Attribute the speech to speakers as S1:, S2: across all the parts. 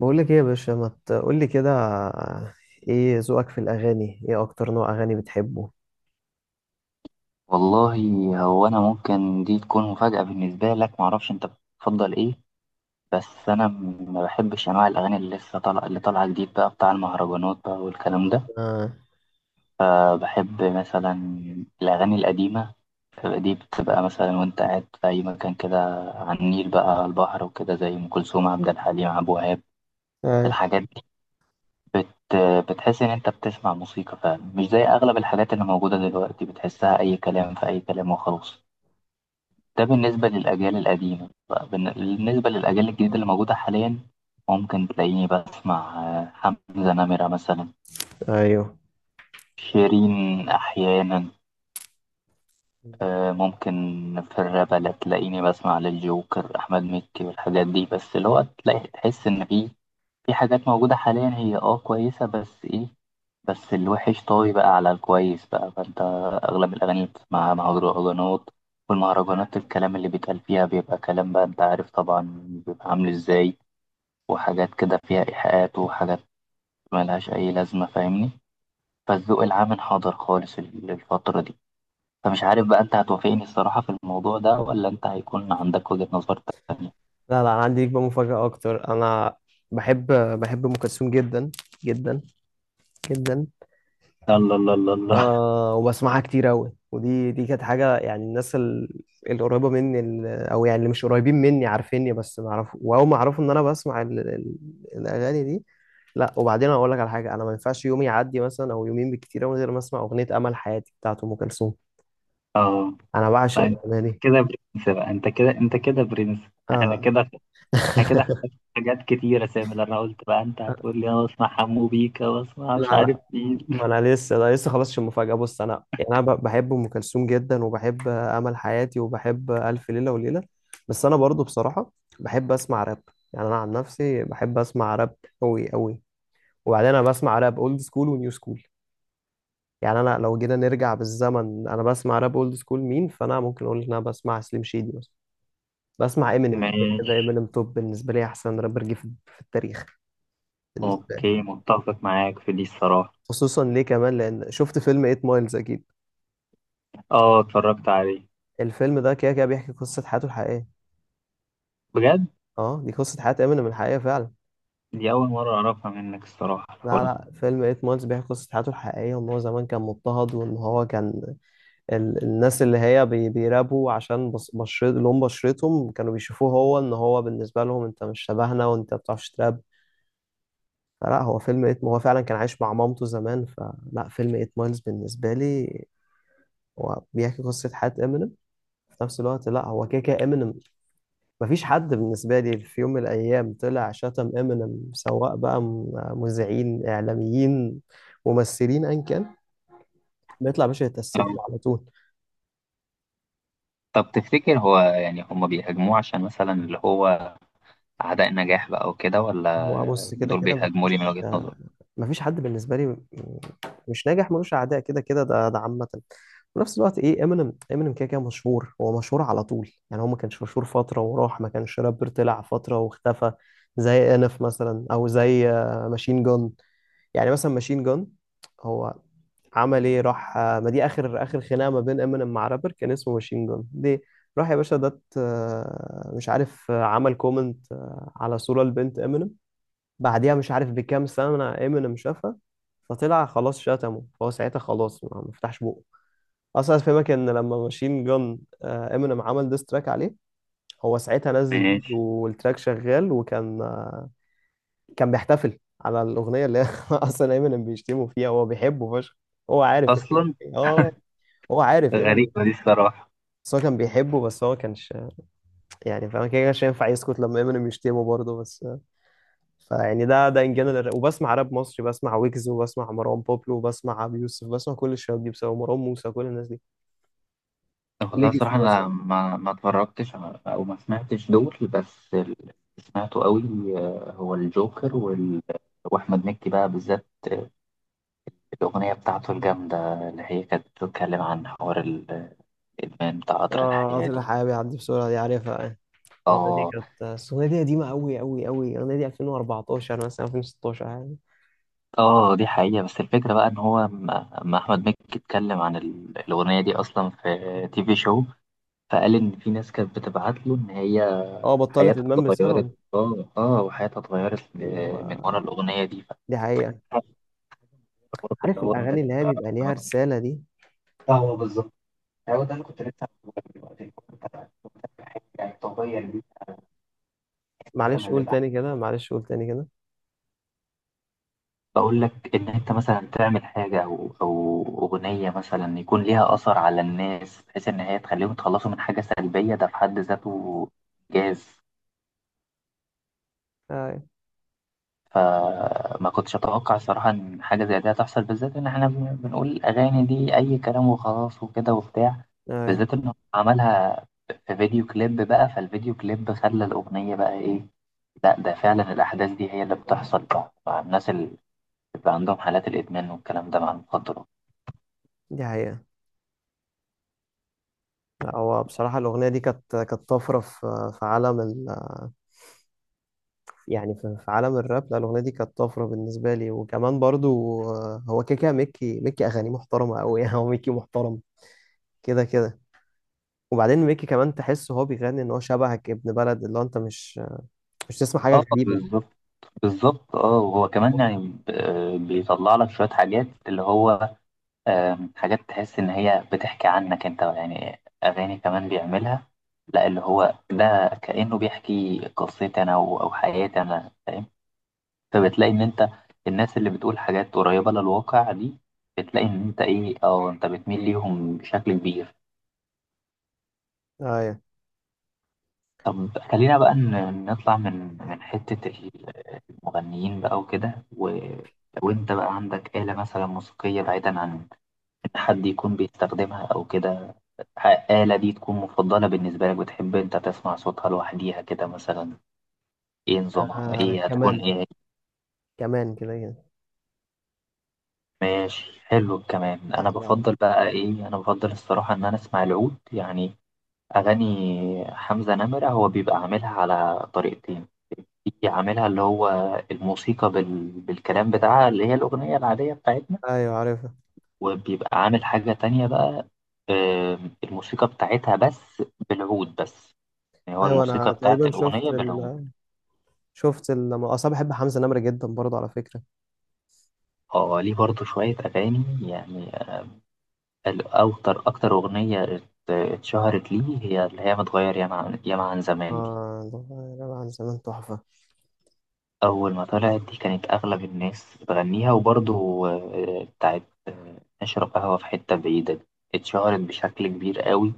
S1: بقول لك ايه يا باشا، ما تقول لي كده؟ ايه ذوقك في الاغاني؟ ايه اكتر نوع اغاني بتحبه؟
S2: والله، هو انا ممكن دي تكون مفاجأة بالنسبة لك. معرفش انت بتفضل ايه. بس انا ما بحبش انواع الاغاني اللي لسه طالعه، اللي طالعه جديد بقى، بتاع المهرجانات بقى والكلام ده.
S1: آه.
S2: فبحب مثلا الاغاني القديمة دي. بتبقى مثلا وانت قاعد في اي مكان كده، على النيل بقى، على البحر وكده، زي ام كلثوم، عبد الحليم، عبد الوهاب،
S1: آه.
S2: الحاجات دي. بت بتحس ان انت بتسمع موسيقى فعلا، مش زي اغلب الحاجات اللي موجودة دلوقتي. بتحسها اي كلام في اي كلام وخلاص. ده بالنسبة للأجيال القديمة بقى. بالنسبة للأجيال الجديدة اللي موجودة حاليا، ممكن تلاقيني بسمع حمزة نمرة مثلا،
S1: ايوه.
S2: شيرين أحيانا. ممكن في الراب، لا تلاقيني بسمع للجوكر، أحمد مكي والحاجات دي. بس اللي هو تلاقي تحس إن في حاجات موجودة حاليا هي كويسة، بس إيه، بس الوحش طاوي بقى على الكويس بقى. فانت اغلب الاغاني اللي بتسمعها مهرجانات، والمهرجانات الكلام اللي بيتقال فيها بيبقى كلام بقى انت عارف طبعا بيبقى عامل ازاي، وحاجات كده فيها ايحاءات وحاجات ملهاش اي لازمه، فاهمني. فالذوق العام انحدر خالص الفتره دي. فمش عارف بقى انت هتوافقني الصراحه في الموضوع ده، ولا انت هيكون عندك وجهه نظر تانية؟
S1: لا، لا، انا عندي ليك بقى مفاجأة اكتر. انا بحب بحب ام كلثوم جدا جدا جدا.
S2: الله، الله، الله، الله!
S1: آه، وبسمعها كتير أوي. ودي دي كانت حاجة، يعني الناس القريبة مني، أو يعني اللي مش قريبين مني عارفيني، بس ما أعرف. وأول ما أعرفوا إن أنا بسمع الأغاني دي. لا، وبعدين أقول لك على حاجة، أنا ما ينفعش يوم يعدي مثلا أو يومين بالكتير أوي من غير ما أسمع أغنية أمل حياتي بتاعت أم كلثوم.
S2: اه.
S1: أنا
S2: لا،
S1: بعشق
S2: انت
S1: الأغنية دي.
S2: كده برنس بقى، انت كده، انت كده برنس. احنا
S1: آه.
S2: كده. انا كده احتجت حاجات كتيرة، سامي، لأن انا قلت بقى انت هتقول لي انا بسمع حمو بيكا، بسمع مش
S1: لا،
S2: عارف
S1: لا،
S2: مين.
S1: ما انا لسه، انا لسه خلصتش المفاجاه. بص، انا يعني بحب ام كلثوم جدا، وبحب امل حياتي، وبحب الف ليله وليله. بس انا برضو بصراحه بحب اسمع راب. يعني انا عن نفسي بحب اسمع راب قوي قوي. وبعدين انا بسمع راب اولد سكول ونيو سكول. يعني انا لو جينا نرجع بالزمن انا بسمع راب اولد سكول مين، فانا ممكن اقول ان انا بسمع سليم شيدي مثلا، بسمع امينيم. كده كده
S2: ماشي.
S1: امينيم توب بالنسبه لي، احسن رابر جه في التاريخ. بالنسبه لي.
S2: اوكي، متفق معاك في دي الصراحة.
S1: خصوصا ليه كمان لان شفت فيلم 8 مايلز، اكيد.
S2: اه، اتفرجت عليه.
S1: الفيلم ده كده كده بيحكي قصة حياته الحقيقية.
S2: بجد،
S1: اه، دي قصة حياة امينيم الحقيقية فعلا.
S2: دي اول مرة اعرفها منك الصراحة،
S1: لا،
S2: الحوار.
S1: لا، فيلم 8 مايلز بيحكي قصة حياته الحقيقية، وان هو زمان كان مضطهد، وان هو كان الناس اللي هي بيرابوا عشان بشرت، لون بشرتهم، كانوا بيشوفوه هو ان هو بالنسبة لهم انت مش شبهنا وانت ما بتعرفش تراب. فلا، هو فيلم 8، هو فعلا كان عايش مع مامته زمان. فلا، فيلم 8 مايلز بالنسبة لي هو بيحكي قصة حياة امينيم. في نفس الوقت، لا، هو كده كده امينيم مفيش حد بالنسبة لي في يوم من الأيام طلع شتم امينيم، سواء بقى مذيعين، إعلاميين، ممثلين، أيا كان، بيطلع باشا يتأسف
S2: طب
S1: له على طول.
S2: طب تفتكر هو يعني هما بيهاجموه عشان مثلا اللي هو اعداء النجاح بقى وكده،
S1: هو
S2: ولا
S1: بص، كده
S2: دول
S1: كده
S2: بيهاجموا لي من
S1: مفيش
S2: وجهة نظر؟
S1: مفيش حد بالنسبة لي مش ناجح ملوش أعداء. كده كده ده، ده عامة. في نفس الوقت إيه، امينيم كده كده مشهور، هو مشهور على طول. يعني هو ما كانش مشهور فترة وراح، ما كانش رابر طلع فترة واختفى، زي انف مثلا أو زي ماشين جان. يعني مثلا ماشين جان، هو عمل ايه؟ راح ما دي اخر خناقه ما بين امينيم مع رابر كان اسمه ماشين جون ليه. راح يا باشا ده مش عارف، عمل كومنت على صوره لبنت امينيم، بعديها مش عارف بكام سنه امينيم شافها. فطلع خلاص شتمه، فهو ساعتها خلاص ما فتحش بقه. اصلا افهمك ان لما ماشين جون امينيم عمل ديستراك عليه، هو ساعتها نزل فيديو
S2: ماشي.
S1: والتراك شغال، وكان آه، كان بيحتفل على الاغنيه اللي اصلا امينيم بيشتمه فيها. هو بيحبه فشخ. هو عارف امينيم.
S2: اصلا
S1: اه، هو عارف امينيم.
S2: غريبة دي الصراحة.
S1: بس هو كان بيحبه، بس هو كانش يعني فاهم كده، كانش ينفع يسكت لما امينيم يشتمه برضه بس. فيعني ده ان جنرال، وبسمع راب مصري، بسمع ويجز، وبسمع مروان بابلو، وبسمع ابي يوسف، بسمع كل الشباب دي بسبب مروان موسى، كل الناس دي،
S2: والله
S1: ليجاسي
S2: صراحة أنا
S1: مثلا.
S2: ما اتفرجتش أو ما سمعتش دول، بس اللي سمعته قوي هو الجوكر وأحمد مكي بقى بالذات، الأغنية بتاعته الجامدة اللي هي كانت بتتكلم عن حوار الإدمان بتاع قطر
S1: اه،
S2: الحياة
S1: طلع
S2: دي.
S1: حبيبي عدي بسرعه، دي عارفها يعني. الاغنيه دي
S2: آه.
S1: كانت، بس الاغنيه دي قديمه قوي قوي قوي، الاغنيه دي 2014 مثلا، 2016 يعني.
S2: آه، دي حقيقة. بس الفكرة بقى إن هو ما أحمد مكي اتكلم عن الأغنية دي أصلا في تي في شو. فقال إن في ناس كانت بتبعت له إن هي
S1: اه، بطلت
S2: حياتها
S1: ادمان
S2: اتغيرت.
S1: بسببه
S2: آه. آه، وحياتها اتغيرت من ورا
S1: و-
S2: الأغنية دي.
S1: دي حقيقة.
S2: برضه اللي
S1: عارف
S2: هو
S1: الأغاني
S2: انت
S1: اللي هي
S2: تبقى،
S1: بيبقى ليها رسالة دي.
S2: ده هو بالظبط. هو ده اللي كنت لسه هقوله لك دلوقتي. أنت حاجه طبيعيه ليك.
S1: معلش
S2: مثلا
S1: قول
S2: للأحد.
S1: تاني كده، معلش قول تاني كده.
S2: بقول لك ان انت مثلا تعمل حاجه او اغنيه مثلا يكون ليها اثر على الناس بحيث ان هي تخليهم يتخلصوا من حاجه سلبيه، ده في حد ذاته جاز.
S1: أي.
S2: فما كنتش أتوقع الصراحة إن حاجة زي دي هتحصل، بالذات إن إحنا بنقول الأغاني دي أي كلام وخلاص وكده وبتاع.
S1: أي،
S2: بالذات إن هو عملها في فيديو كليب بقى، فالفيديو كليب خلى الأغنية بقى إيه. لا، ده فعلا الأحداث دي هي اللي بتحصل بقى مع الناس اللي بيبقى عندهم حالات الإدمان والكلام ده مع المخدرات.
S1: دي حقيقة. لا، هو بصراحة الأغنية دي كانت طفرة في، في عالم يعني في عالم الراب. لا، الأغنية دي كانت طفرة بالنسبة لي. وكمان برضو هو كده كده ميكي أغاني محترمة أوي. يعني هو ميكي محترم كده كده. وبعدين ميكي كمان تحس هو بيغني إن هو شبهك، ابن بلد، اللي هو أنت مش تسمع حاجة
S2: اه،
S1: غريبة.
S2: بالظبط، بالظبط. اه، وهو كمان يعني بيطلع لك شوية حاجات اللي هو حاجات تحس إن هي بتحكي عنك أنت، يعني أغاني كمان بيعملها لا اللي هو ده كأنه بيحكي قصتي أنا أو حياتي أنا، فاهم. فبتلاقي إن أنت الناس اللي بتقول حاجات قريبة للواقع دي، بتلاقي إن أنت إيه، أو أنت بتميل ليهم بشكل كبير.
S1: أيوة.
S2: طب، خلينا بقى نطلع من حتة المغنيين بقى وكده وأنت بقى عندك آلة مثلا موسيقية بعيدا عن حد يكون بيستخدمها أو كده، آلة دي تكون مفضلة بالنسبة لك، بتحب أنت تسمع صوتها لوحديها كده مثلا، إيه نظامها،
S1: آه
S2: إيه هتكون،
S1: كمان،
S2: إيه؟
S1: كمان كده كده.
S2: ماشي، حلو الكمان. أنا
S1: لا.
S2: بفضل بقى إيه، أنا بفضل الصراحة إن أنا أسمع العود يعني. أغاني حمزة نمرة هو بيبقى عاملها على طريقتين. في عاملها اللي هو الموسيقى بالكلام بتاعها، اللي هي الأغنية العادية بتاعتنا.
S1: ايوه عارفها.
S2: وبيبقى عامل حاجة تانية بقى الموسيقى بتاعتها بس، بالعود بس. يعني هو
S1: ايوه،
S2: الموسيقى
S1: انا
S2: بتاعت
S1: تقريبا
S2: الأغنية بالعود.
S1: اصلا بحب حمزة نمرة جدا برضه على فكرة.
S2: ليه برضه شوية أغاني، يعني الأكتر، أكتر أغنية اتشهرت ليه هي اللي هي متغير ياما عن ياما عن زمان دي.
S1: اه ده عن زمان تحفة.
S2: أول ما طلعت دي كانت أغلب الناس بتغنيها. وبرضه بتاعت آه، نشرب قهوة في حتة بعيدة دي اتشهرت بشكل كبير قوي،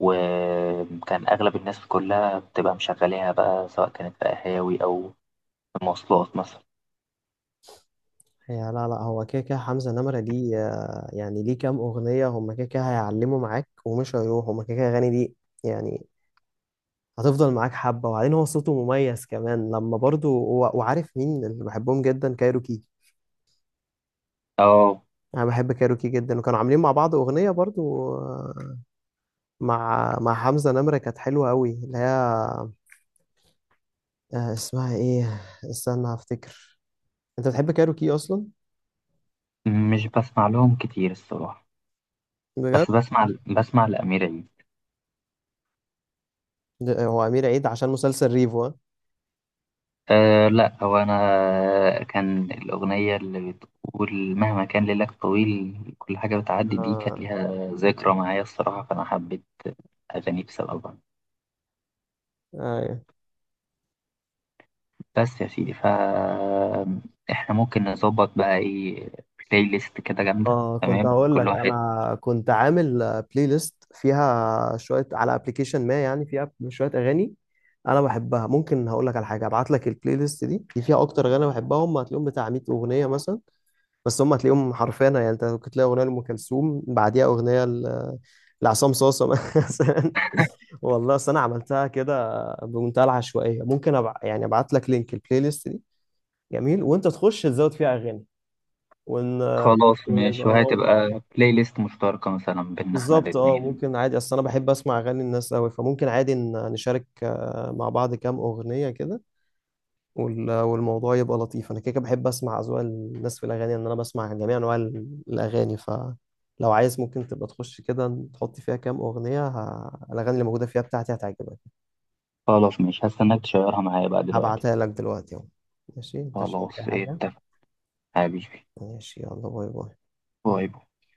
S2: وكان أغلب الناس كلها بتبقى مشغلاها بقى سواء كانت في قهاوي أو في مواصلات مثلا.
S1: هي لا، لا، هو كده كده حمزة نمرة دي يعني ليه كام اغنية هم كده كده هيعلموا معاك ومش هيروحوا، هم كده كده اغاني دي يعني. هتفضل معاك حبة. وبعدين هو صوته مميز كمان لما برضه وعارف مين اللي بحبهم جدا؟ كايروكي.
S2: اه،
S1: انا بحب كايروكي جدا، وكانوا عاملين مع بعض اغنية برضه آه، مع حمزة نمرة، كانت حلوة قوي، اللي هي اسمها ايه؟ استنى هفتكر. انت بتحب كاروكي اصلا؟
S2: مش بسمع لهم كتير الصراحة،
S1: بجد؟
S2: بس بسمع لأمير عيد.
S1: هو امير عيد عشان مسلسل ريفو، ها؟
S2: أه، لا، هو أنا كان الأغنية اللي بتقول مهما كان ليلك طويل كل حاجة بتعدي دي كانت
S1: اه.
S2: ليها ذكرى معايا الصراحة، فأنا حبيت أغاني بسببها.
S1: ايوه.
S2: بس يا سيدي، إحنا ممكن نظبط بقى إيه، بلاي ليست كده جامدة
S1: اه كنت
S2: تمام،
S1: هقول
S2: كل
S1: لك،
S2: واحد.
S1: انا كنت عامل بلاي ليست فيها شويه على ابلكيشن، ما يعني فيها شويه اغاني انا بحبها. ممكن هقول لك على حاجه، ابعت لك البلاي ليست دي فيها اكتر اغاني بحبها، هم هتلاقيهم بتاع 100 اغنيه مثلا. بس هم هتلاقيهم حرفيا، يعني انت كنت تلاقي اغنيه لام كلثوم بعديها اغنيه لعصام صاصه مثلا. والله أصل انا عملتها كده بمنتهى العشوائيه. ممكن يعني ابعت لك لينك البلاي ليست دي، جميل، وانت تخش تزود فيها اغاني ون...
S2: خلاص،
S1: ونبقى
S2: ماشي، وهتبقى بلاي ليست مشتركة مثلا بينا إحنا
S1: بالظبط. اه،
S2: الاتنين.
S1: ممكن عادي، اصل انا بحب اسمع اغاني الناس قوي. فممكن عادي نشارك مع بعض كام اغنيه كده، والموضوع يبقى لطيف. انا كده كده بحب اسمع اذواق الناس في الاغاني، ان انا بسمع جميع انواع الاغاني. فلو عايز ممكن تبقى تخش كده تحط فيها كام اغنيه الاغاني اللي موجوده فيها بتاعتي هتعجبك.
S2: خلاص، ماشي، هستناك تشيرها معايا بقى دلوقتي.
S1: هبعتها لك دلوقتي اهو. ماشي، انت مش محتاج أي
S2: خلاص، إيه،
S1: حاجه؟
S2: اتفق حبيبي.
S1: ماشي، يلا، باي باي.
S2: باي باي.